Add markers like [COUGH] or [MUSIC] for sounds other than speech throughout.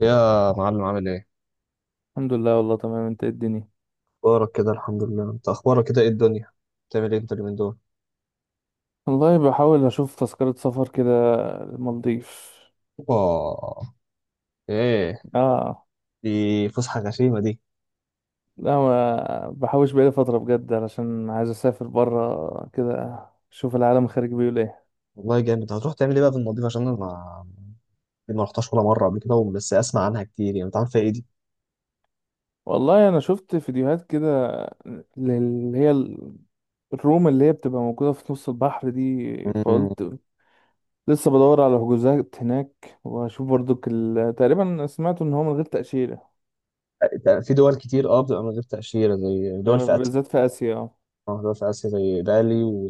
يا معلم عامل ايه؟ الحمد لله، والله تمام. انت ايه الدنيا؟ اخبارك كده، الحمد لله. انت اخبارك كده، ايه الدنيا بتعمل ايه انت اليومين دول؟ والله بحاول اشوف تذكرة سفر كده، المالديف. اوبا! ايه اه. دي؟ فسحه غشيمه دي. لا، ما بحوش بقالي فترة بجد، علشان عايز اسافر برا كده، اشوف العالم خارج بيقول ايه. والله جامد. هتروح تعمل ايه بقى في المالديف؟ عشان انا ما دي ما رحتهاش ولا مره قبل كده، بس اسمع عنها كتير يعني. انت عارف فيها ايه دي؟ والله انا شفت فيديوهات كده، اللي هي الروم اللي هي بتبقى موجودة في نص البحر دي، مم. فقلت لسه بدور على حجوزات هناك، واشوف برضك تقريبا سمعت ان هو من غير تأشيرة. في دول كتير، اه، بتبقى من غير تاشيره زي دول يعني في اسيا. بالذات في اسيا، اه. اه، دول في اسيا زي بالي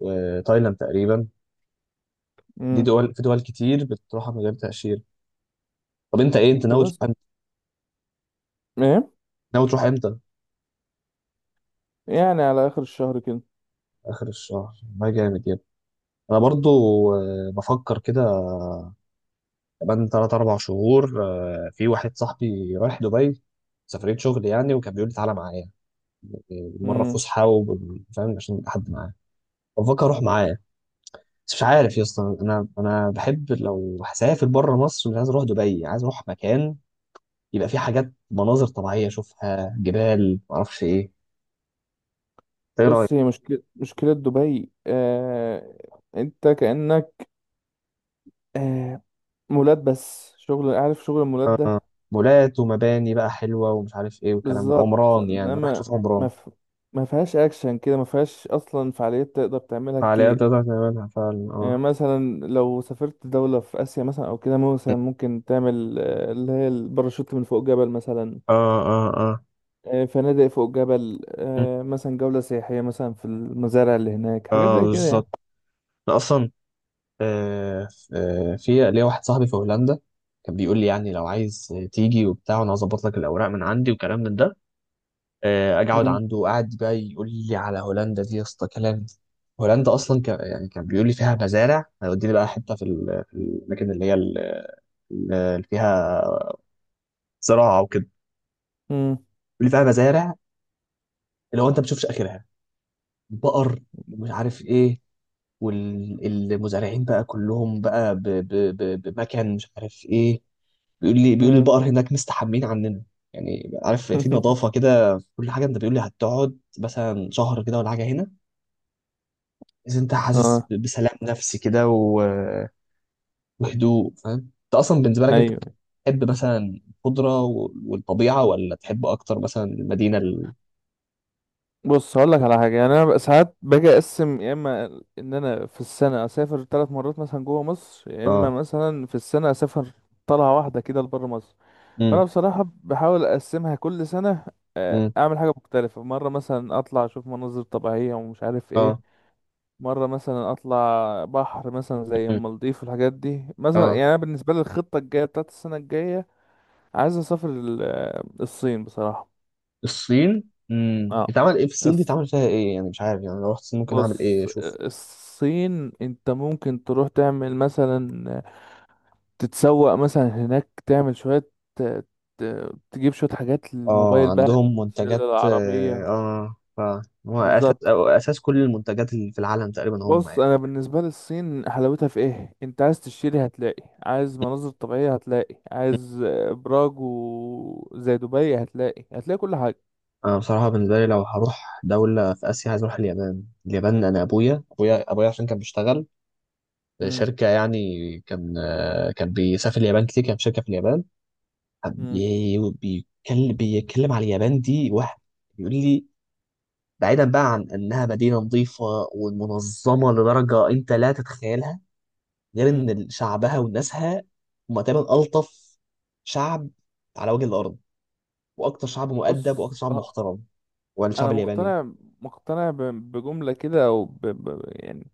وتايلاند تقريبا. دي امم. دول، في دول كتير بتروحها من غير تاشيره. طب انت ايه، انت ناوي فبس. تروح امتى ايه؟ ناوي تروح امتى يعني على آخر الشهر كده. اخر الشهر، ما جامد يعني. انا برضو، بفكر كده. كمان 3 4 شهور. في واحد صاحبي رايح دبي، سفرية شغل يعني، وكان بيقول لي تعالى معايا. إيه، مرة مم. فسحة فاهم، عشان يبقى حد معايا. بفكر اروح معايا. بس مش عارف يا اسطى، انا بحب لو هسافر بره مصر، مش عايز اروح دبي، عايز اروح مكان يبقى فيه حاجات، مناظر طبيعية اشوفها، جبال معرفش ايه. ايه رأيك؟ بص، هي مشكلة دبي، أنت كأنك، آه... مولات، بس شغل، عارف، شغل المولات آه، ده. مولات ومباني بقى حلوة ومش عارف ايه والكلام ده. بالظبط، عمران يعني، رايح إنما تشوف عمران. ما ف... ما فيهاش أكشن كده، ما فيهاش أصلا فعاليات تقدر تعملها فعاليات كتير. تقدر تعملها فعلا، يعني اه، مثلا لو سافرت دولة في آسيا مثلا، أو كده مثلا ممكن تعمل اللي هي الباراشوت من فوق جبل مثلا. اه، اه، اه. فنادق فوق جبل، مم. مثلا جولة سياحية، مثلا في المزارع اللي هناك، حاجات اه، زي كده يعني. بالظبط. انا اصلا، آه في ليا واحد صاحبي في هولندا، كان بيقول لي يعني لو عايز تيجي وبتاع، وانا هظبط لك الاوراق من عندي وكلام من ده. اجي اقعد عنده، قاعد بقى يقول لي على هولندا دي يا اسطى كلام. هولندا اصلا كان يعني، كان بيقول لي فيها مزارع هيوديني بقى، حته في الاماكن اللي هي اللي فيها زراعه وكده. مم. بيقول لي فيها مزارع، اللي هو انت ما بتشوفش اخرها، بقر ومش عارف ايه. والمزارعين بقى كلهم بقى بمكان مش عارف ايه. بيقول لي مم. البقر هناك مستحمين عننا، يعني عارف، في [LAUGHS] نظافة كده، في كل حاجة. انت بيقول لي هتقعد مثلا شهر كده ولا حاجة هنا، إذا انت حاسس اه. بسلام نفسي كده وهدوء، فاهم. انت اصلا بالنسبة لك، انت ايوه. تحب مثلا الخضرة والطبيعة، ولا تحب اكتر مثلا المدينة بص، هقول لك على حاجه، يعني انا بقى ساعات باجي اقسم، يا اما ان انا في السنه اسافر ثلاث مرات مثلا جوه مصر، يا اما اه، مثلا في السنه اسافر طلعه واحده كده لبره مصر. فانا امم، بصراحه بحاول اقسمها كل سنه، امم، اعمل حاجه مختلفه، مره مثلا اطلع اشوف مناظر طبيعيه ومش عارف ايه، اه. مره مثلا اطلع بحر مثلا زي مم. المالديف والحاجات دي. مثلا اه، يعني انا بالنسبه لي الخطه الجايه بتاعت السنه الجايه عايز اسافر الصين بصراحه. الصين. اه. اتعمل ايه في الصين دي؟ اتعمل فيها ايه يعني؟ مش عارف يعني، لو رحت الصين ممكن اعمل ايه، بص، اشوف؟ الصين انت ممكن تروح تعمل مثلا، تتسوق مثلا هناك، تعمل شوية تجيب شوية حاجات اه، للموبايل بقى، عندهم تشيل منتجات، اه، العربية. هو اساس، بالظبط. أو اساس كل المنتجات اللي في العالم تقريبا هم بص، يعني. انا بالنسبة لي الصين حلاوتها في ايه؟ انت عايز تشتري هتلاقي، عايز مناظر طبيعية هتلاقي، مم. عايز ابراج زي دبي هتلاقي كل حاجة. انا بصراحه بالنسبه لي لو هروح دوله في اسيا عايز اروح اليابان. اليابان، انا ابويا، ابويا عشان كان بيشتغل في مم. شركه يعني. كان، كان بيسافر اليابان كتير، كان في شركه في اليابان. كان مم. بيتكلم على اليابان. دي واحد يقول لي، بعيدا بقى عن انها مدينه نظيفه ومنظمه لدرجه انت لا تتخيلها، غير مم. ان شعبها وناسها هم تقريبا الطف شعب على وجه الارض، واكتر شعب مؤدب بص، واكتر شعب محترم. والشعب انا الياباني، مقتنع بجملة كده، او يعني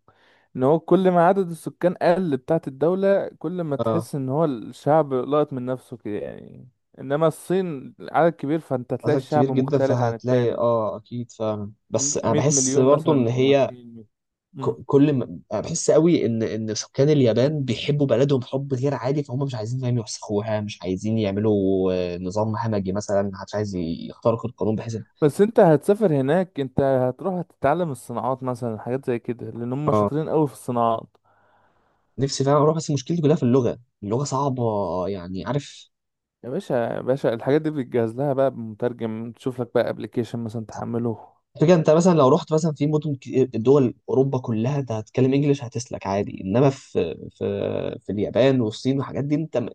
ان هو كل ما عدد السكان قل بتاعت الدولة، كل ما اه، تحس ان هو الشعب لقط من نفسه كده يعني. انما الصين عدد كبير، فانت تلاقي عدد كبير الشعب جدا مختلف عن فهتلاقي، التاني. اه، اكيد فعلا، بس انا 100 بحس مليون برضو ان مثلا هي، وحشين. مم. كل ما أنا بحس قوي ان سكان اليابان بيحبوا بلدهم حب غير عادي، فهم مش عايزين فاهم يوسخوها، مش عايزين يعملوا نظام همجي مثلا، محدش عايز يخترق القانون بحيث. بس انت هتسافر هناك، انت هتروح هتتعلم الصناعات مثلا، حاجات زي كده، لان هم اه، شاطرين قوي في الصناعات. نفسي فعلا اروح، بس مشكلتي كلها في اللغه. اللغه صعبه، يعني عارف. يا باشا، يا باشا، الحاجات دي بتجهز لها بقى بمترجم، تشوف لك بقى ابلكيشن مثلا تحمله. فكرة، انت مثلا لو رحت مثلا في مدن دول اوروبا كلها انت هتتكلم انجليش هتسلك عادي، انما في، في اليابان والصين والحاجات دي انت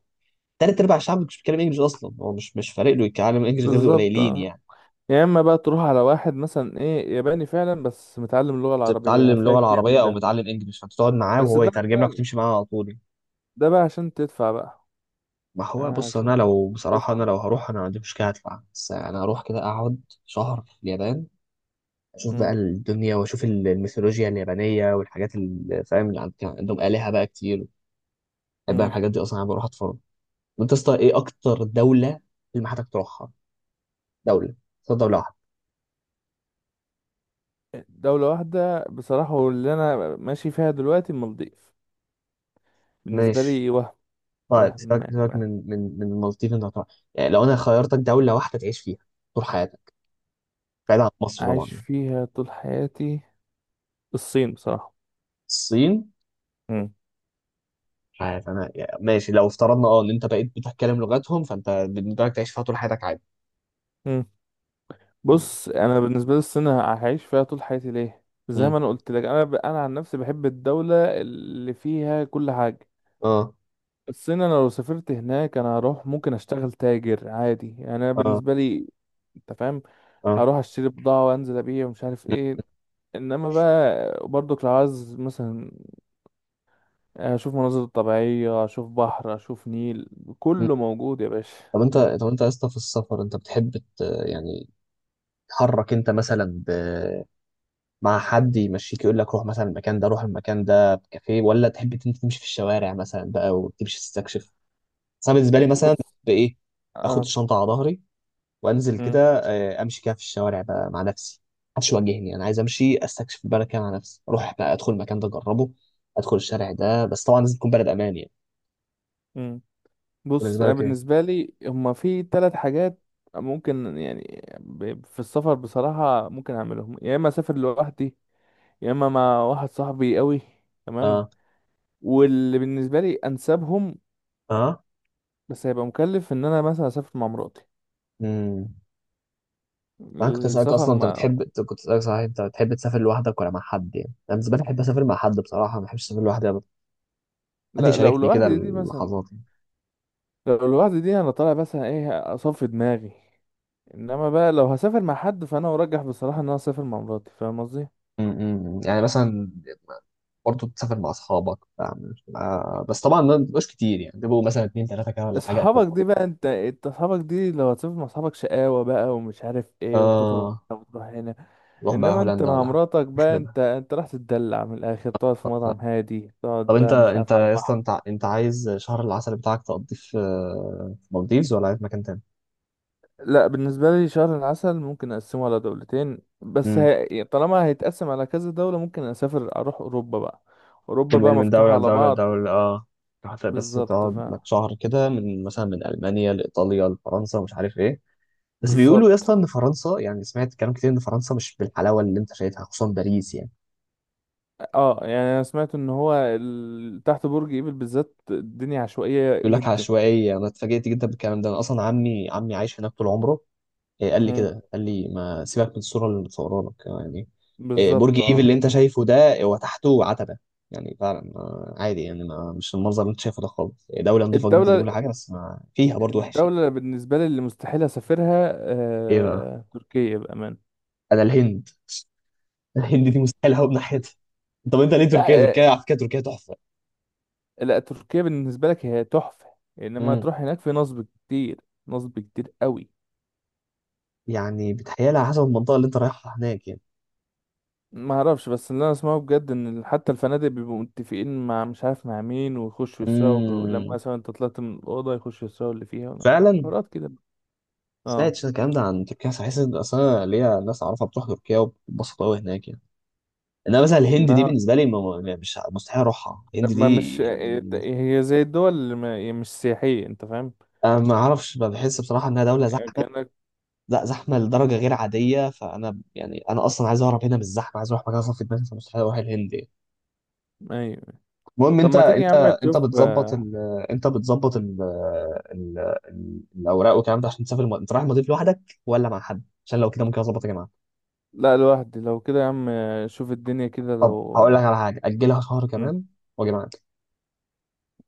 تلات ارباع الشعب مش بيتكلم انجليش اصلا، هو مش فارق له يتكلم انجليش غير بالظبط. القليلين يعني. يا اما بقى تروح على واحد مثلا ايه، ياباني فعلا بس متعلم اللغة بس العربية، بتتعلم هتلاقي اللغه كتير من العربيه او ده. متعلم انجليش، فانت تقعد معاه بس وهو ده يترجم بقى لك وتمشي معاه على طول. ده بقى عشان تدفع بقى. ما هو بص، انا عشان لو بصراحه، انا هتدفع. لو هروح انا ما عنديش مشكله، هدفع، بس انا هروح كده اقعد شهر في اليابان، اشوف بقى مم. الدنيا، واشوف الميثولوجيا اليابانيه والحاجات اللي فاهم، اللي كان عندهم الهه بقى كتير. بحب بقى مم. الحاجات دي، اصلا انا بروح اتفرج. وانت يا اسطى، ايه اكتر دوله اللي حضرتك تروحها؟ دوله، اختار دوله واحده. دولة واحدة بصراحة، واللي انا ماشي فيها دلوقتي المالديف بالنسبة ماشي. لي. وهم طيب وهم سيبك، وهم من المالديف. انت هتروح يعني لو انا خيرتك دوله واحده تعيش فيها طول حياتك، بعيد عن مصر طبعا. عايش فيها طول حياتي. الصين بصراحة. الصين. مم. مش عارف انا يعني، ماشي، لو افترضنا اه ان انت بقيت بتتكلم لغتهم، فانت بالنسبه لك تعيش فيها طول حياتك عادي. مم. بص، انا بالنسبة لي الصين هعيش فيها طول حياتي ليه؟ زي مم. ما انا قلت لك، انا عن نفسي بحب الدولة اللي فيها كل حاجة. اه، بس انا لو سافرت هناك، انا هروح ممكن اشتغل تاجر عادي، يعني انا اه، بالنسبه لي انت فاهم، اه. هروح اشتري بضاعه وانزل ابيع ومش عارف ايه. انما بقى برضك لو عايز مثلا اشوف مناظر طبيعيه، اشوف بحر، اشوف نيل، مم. كله موجود يا باشا. طب انت [LAUGHS] طب انت يا اسطى، في السفر انت بتحب يعني تحرك، انت مثلا مع حد يمشيك يقول لك روح مثلا المكان ده، روح المكان ده بكافيه، ولا تحب انت تمشي في الشوارع مثلا بقى وتمشي تستكشف؟ بس انا بالنسبه لي مثلا، بص، بايه، اخد اه. الشنطه على ظهري وانزل مم. كده، اه، امشي كده في الشوارع بقى مع نفسي، محدش يواجهني. انا عايز امشي استكشف البلد كده مع نفسي، اروح بقى ادخل المكان ده اجربه، ادخل الشارع ده. بس طبعا لازم تكون بلد امان يعني. مم. بص، بالنسبه انا لك ايه؟ بالنسبه لي هما في ثلاث حاجات ممكن، يعني في السفر بصراحه ممكن اعملهم، يا اما اسافر لوحدي، يا اما مع واحد صاحبي قوي، تمام. اه، واللي بالنسبة لي أنسبهم، اه، بس هيبقى مكلف، إن أنا مثلا أسافر مع مراتي. امم. انا كنت اسالك السفر اصلا انت ما. بتحب، أنت كنت اسالك صحيح، انت بتحب تسافر لوحدك ولا مع حد؟ يعني انا بالنسبه لي بحب اسافر مع حد بصراحه، ما بحبش اسافر لوحدي ابدا، حد لا، لو يشاركني كده لوحدي دي مثلا اللحظات يعني. لو لوحدي دي أنا طالع مثلا إيه أصفي دماغي. إنما بقى لو هسافر مع حد، فأنا أرجح بصراحة إن أنا أسافر مع مراتي، فاهم قصدي؟ يعني مثلا، برضه بتسافر مع اصحابك، فاهم؟ بس طبعا ما بيبقوش كتير يعني، بيبقوا مثلا اتنين تلاته كده ولا حاجه أصحابك اخركم. دي بقى، أنت أصحابك دي لو هتسافر مع أصحابك شقاوة بقى ومش عارف إيه، وتخرج اه، هنا وتروح هنا. نروح بقى إنما أنت هولندا مع ولا حاجه، مراتك بقى، نخربها. أنت راح تتدلع من الآخر، تقعد في طب، مطعم هادي، تقعد طب انت بقى مش انت عارف على يا اسطى، البحر. انت عايز شهر العسل بتاعك تقضيه في، في مالديفز، ولا عايز مكان لا، بالنسبة لي شهر العسل ممكن أقسمه على دولتين، بس تاني؟ طالما هيتقسم على كذا دولة، ممكن أسافر أروح أوروبا بقى. أوروبا تنقل بقى من مفتوحة دولة على لدولة بعض. لدولة، اه. هتبقى بس بالظبط ف تقعد لك شهر كده، من مثلا من ألمانيا لإيطاليا لفرنسا ومش عارف إيه. بس بيقولوا يا بالظبط. اسطى إن فرنسا يعني، سمعت كلام كتير إن فرنسا مش بالحلاوة اللي أنت شايفها، خصوصا باريس يعني. اه، يعني أنا سمعت إن هو تحت برج إيفل بالذات الدنيا عشوائية بيقول لك جدا. عشوائية. أنا اتفاجئت جدا بالكلام ده، أنا أصلا عمي عايش هناك طول عمره. إيه، قال لي مم. كده قال لي ما سيبك من الصورة اللي متصورة لك يعني. إيه، برج بالظبط، إيفل اه. اللي أنت شايفه ده، هو تحته عتبة يعني، فعلا عادي يعني، ما مش المنظر اللي أنت شايفه ده خالص. إيه، دولة نظيفة جدا الدولة وكل حاجة، بس ما فيها برضه وحش يعني. الدولة بالنسبة لي اللي مستحيل أسافرها، ايه بقى؟ تركيا بأمان. انا الهند، الهند دي مستحيل اهوب ناحيتها. طب انت ليه لا، تركيا؟ تركيا على فكره تركيا تحفه. لا تركيا بالنسبة لك هي تحفة، انما امم. تروح هناك في نصب كتير، نصب كتير قوي. يعني بتهيالي على حسب المنطقه اللي انت رايحها هناك يعني. ما اعرفش، بس اللي انا اسمعه بجد ان حتى الفنادق بيبقوا متفقين مع مش عارف مع مين، ويخشوا يسرقوا ولما امم، مثلا انت طلعت من الأوضة يخشوا يسرقوا اللي فيها، فعلا. حوارات كده. اه. سمعت شوية الكلام ده عن تركيا، بس حاسس ان اصلا ليا ناس اعرفها بتروح تركيا وبتبسط قوي هناك يعني. انما مثلا الهند دي ما بالنسبه لي يعني مش مستحيل اروحها، الهند ما دي مش. يعني. هي زي الدول اللي هي مش سياحية، انت فاهم، انا ما اعرفش، بحس بصراحه انها دوله زحمه. كأنك. لا، زحمه لدرجه غير عاديه، فانا يعني انا اصلا عايز اهرب هنا من الزحمه، عايز اروح مكان صافي دماغي، فمستحيل اروح الهند يعني. ايوه. المهم، طب انت ما تيجي يا انت عم انت تشوف. بتظبط انت بتظبط ال... الاوراق والكلام ده عشان تسافر انت رايح المضيف لوحدك ولا مع حد؟ عشان لو كده ممكن اظبط يا جماعه. لا، لوحدي، لو كده يا عم شوف الدنيا كده، لو طب هقول لك على حاجه، اجلها شهر مم، كمان واجي معاك،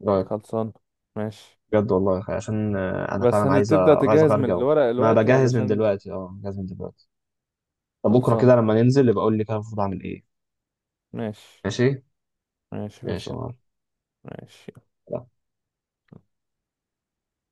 ايه رايك؟ خلصان. ماشي. بجد والله يا أخي، عشان انا بس فعلا عايز هتبدأ عايز تجهز اغير من جو. الورق ما دلوقتي بجهز من علشان دلوقتي، اه بجهز من دلوقتي. طب بكره خلصان. كده لما ننزل يبقى قول لي كده المفروض اعمل ايه. ماشي، ماشي. ماشي، ماشي يا خلصان، معلم. ماشي.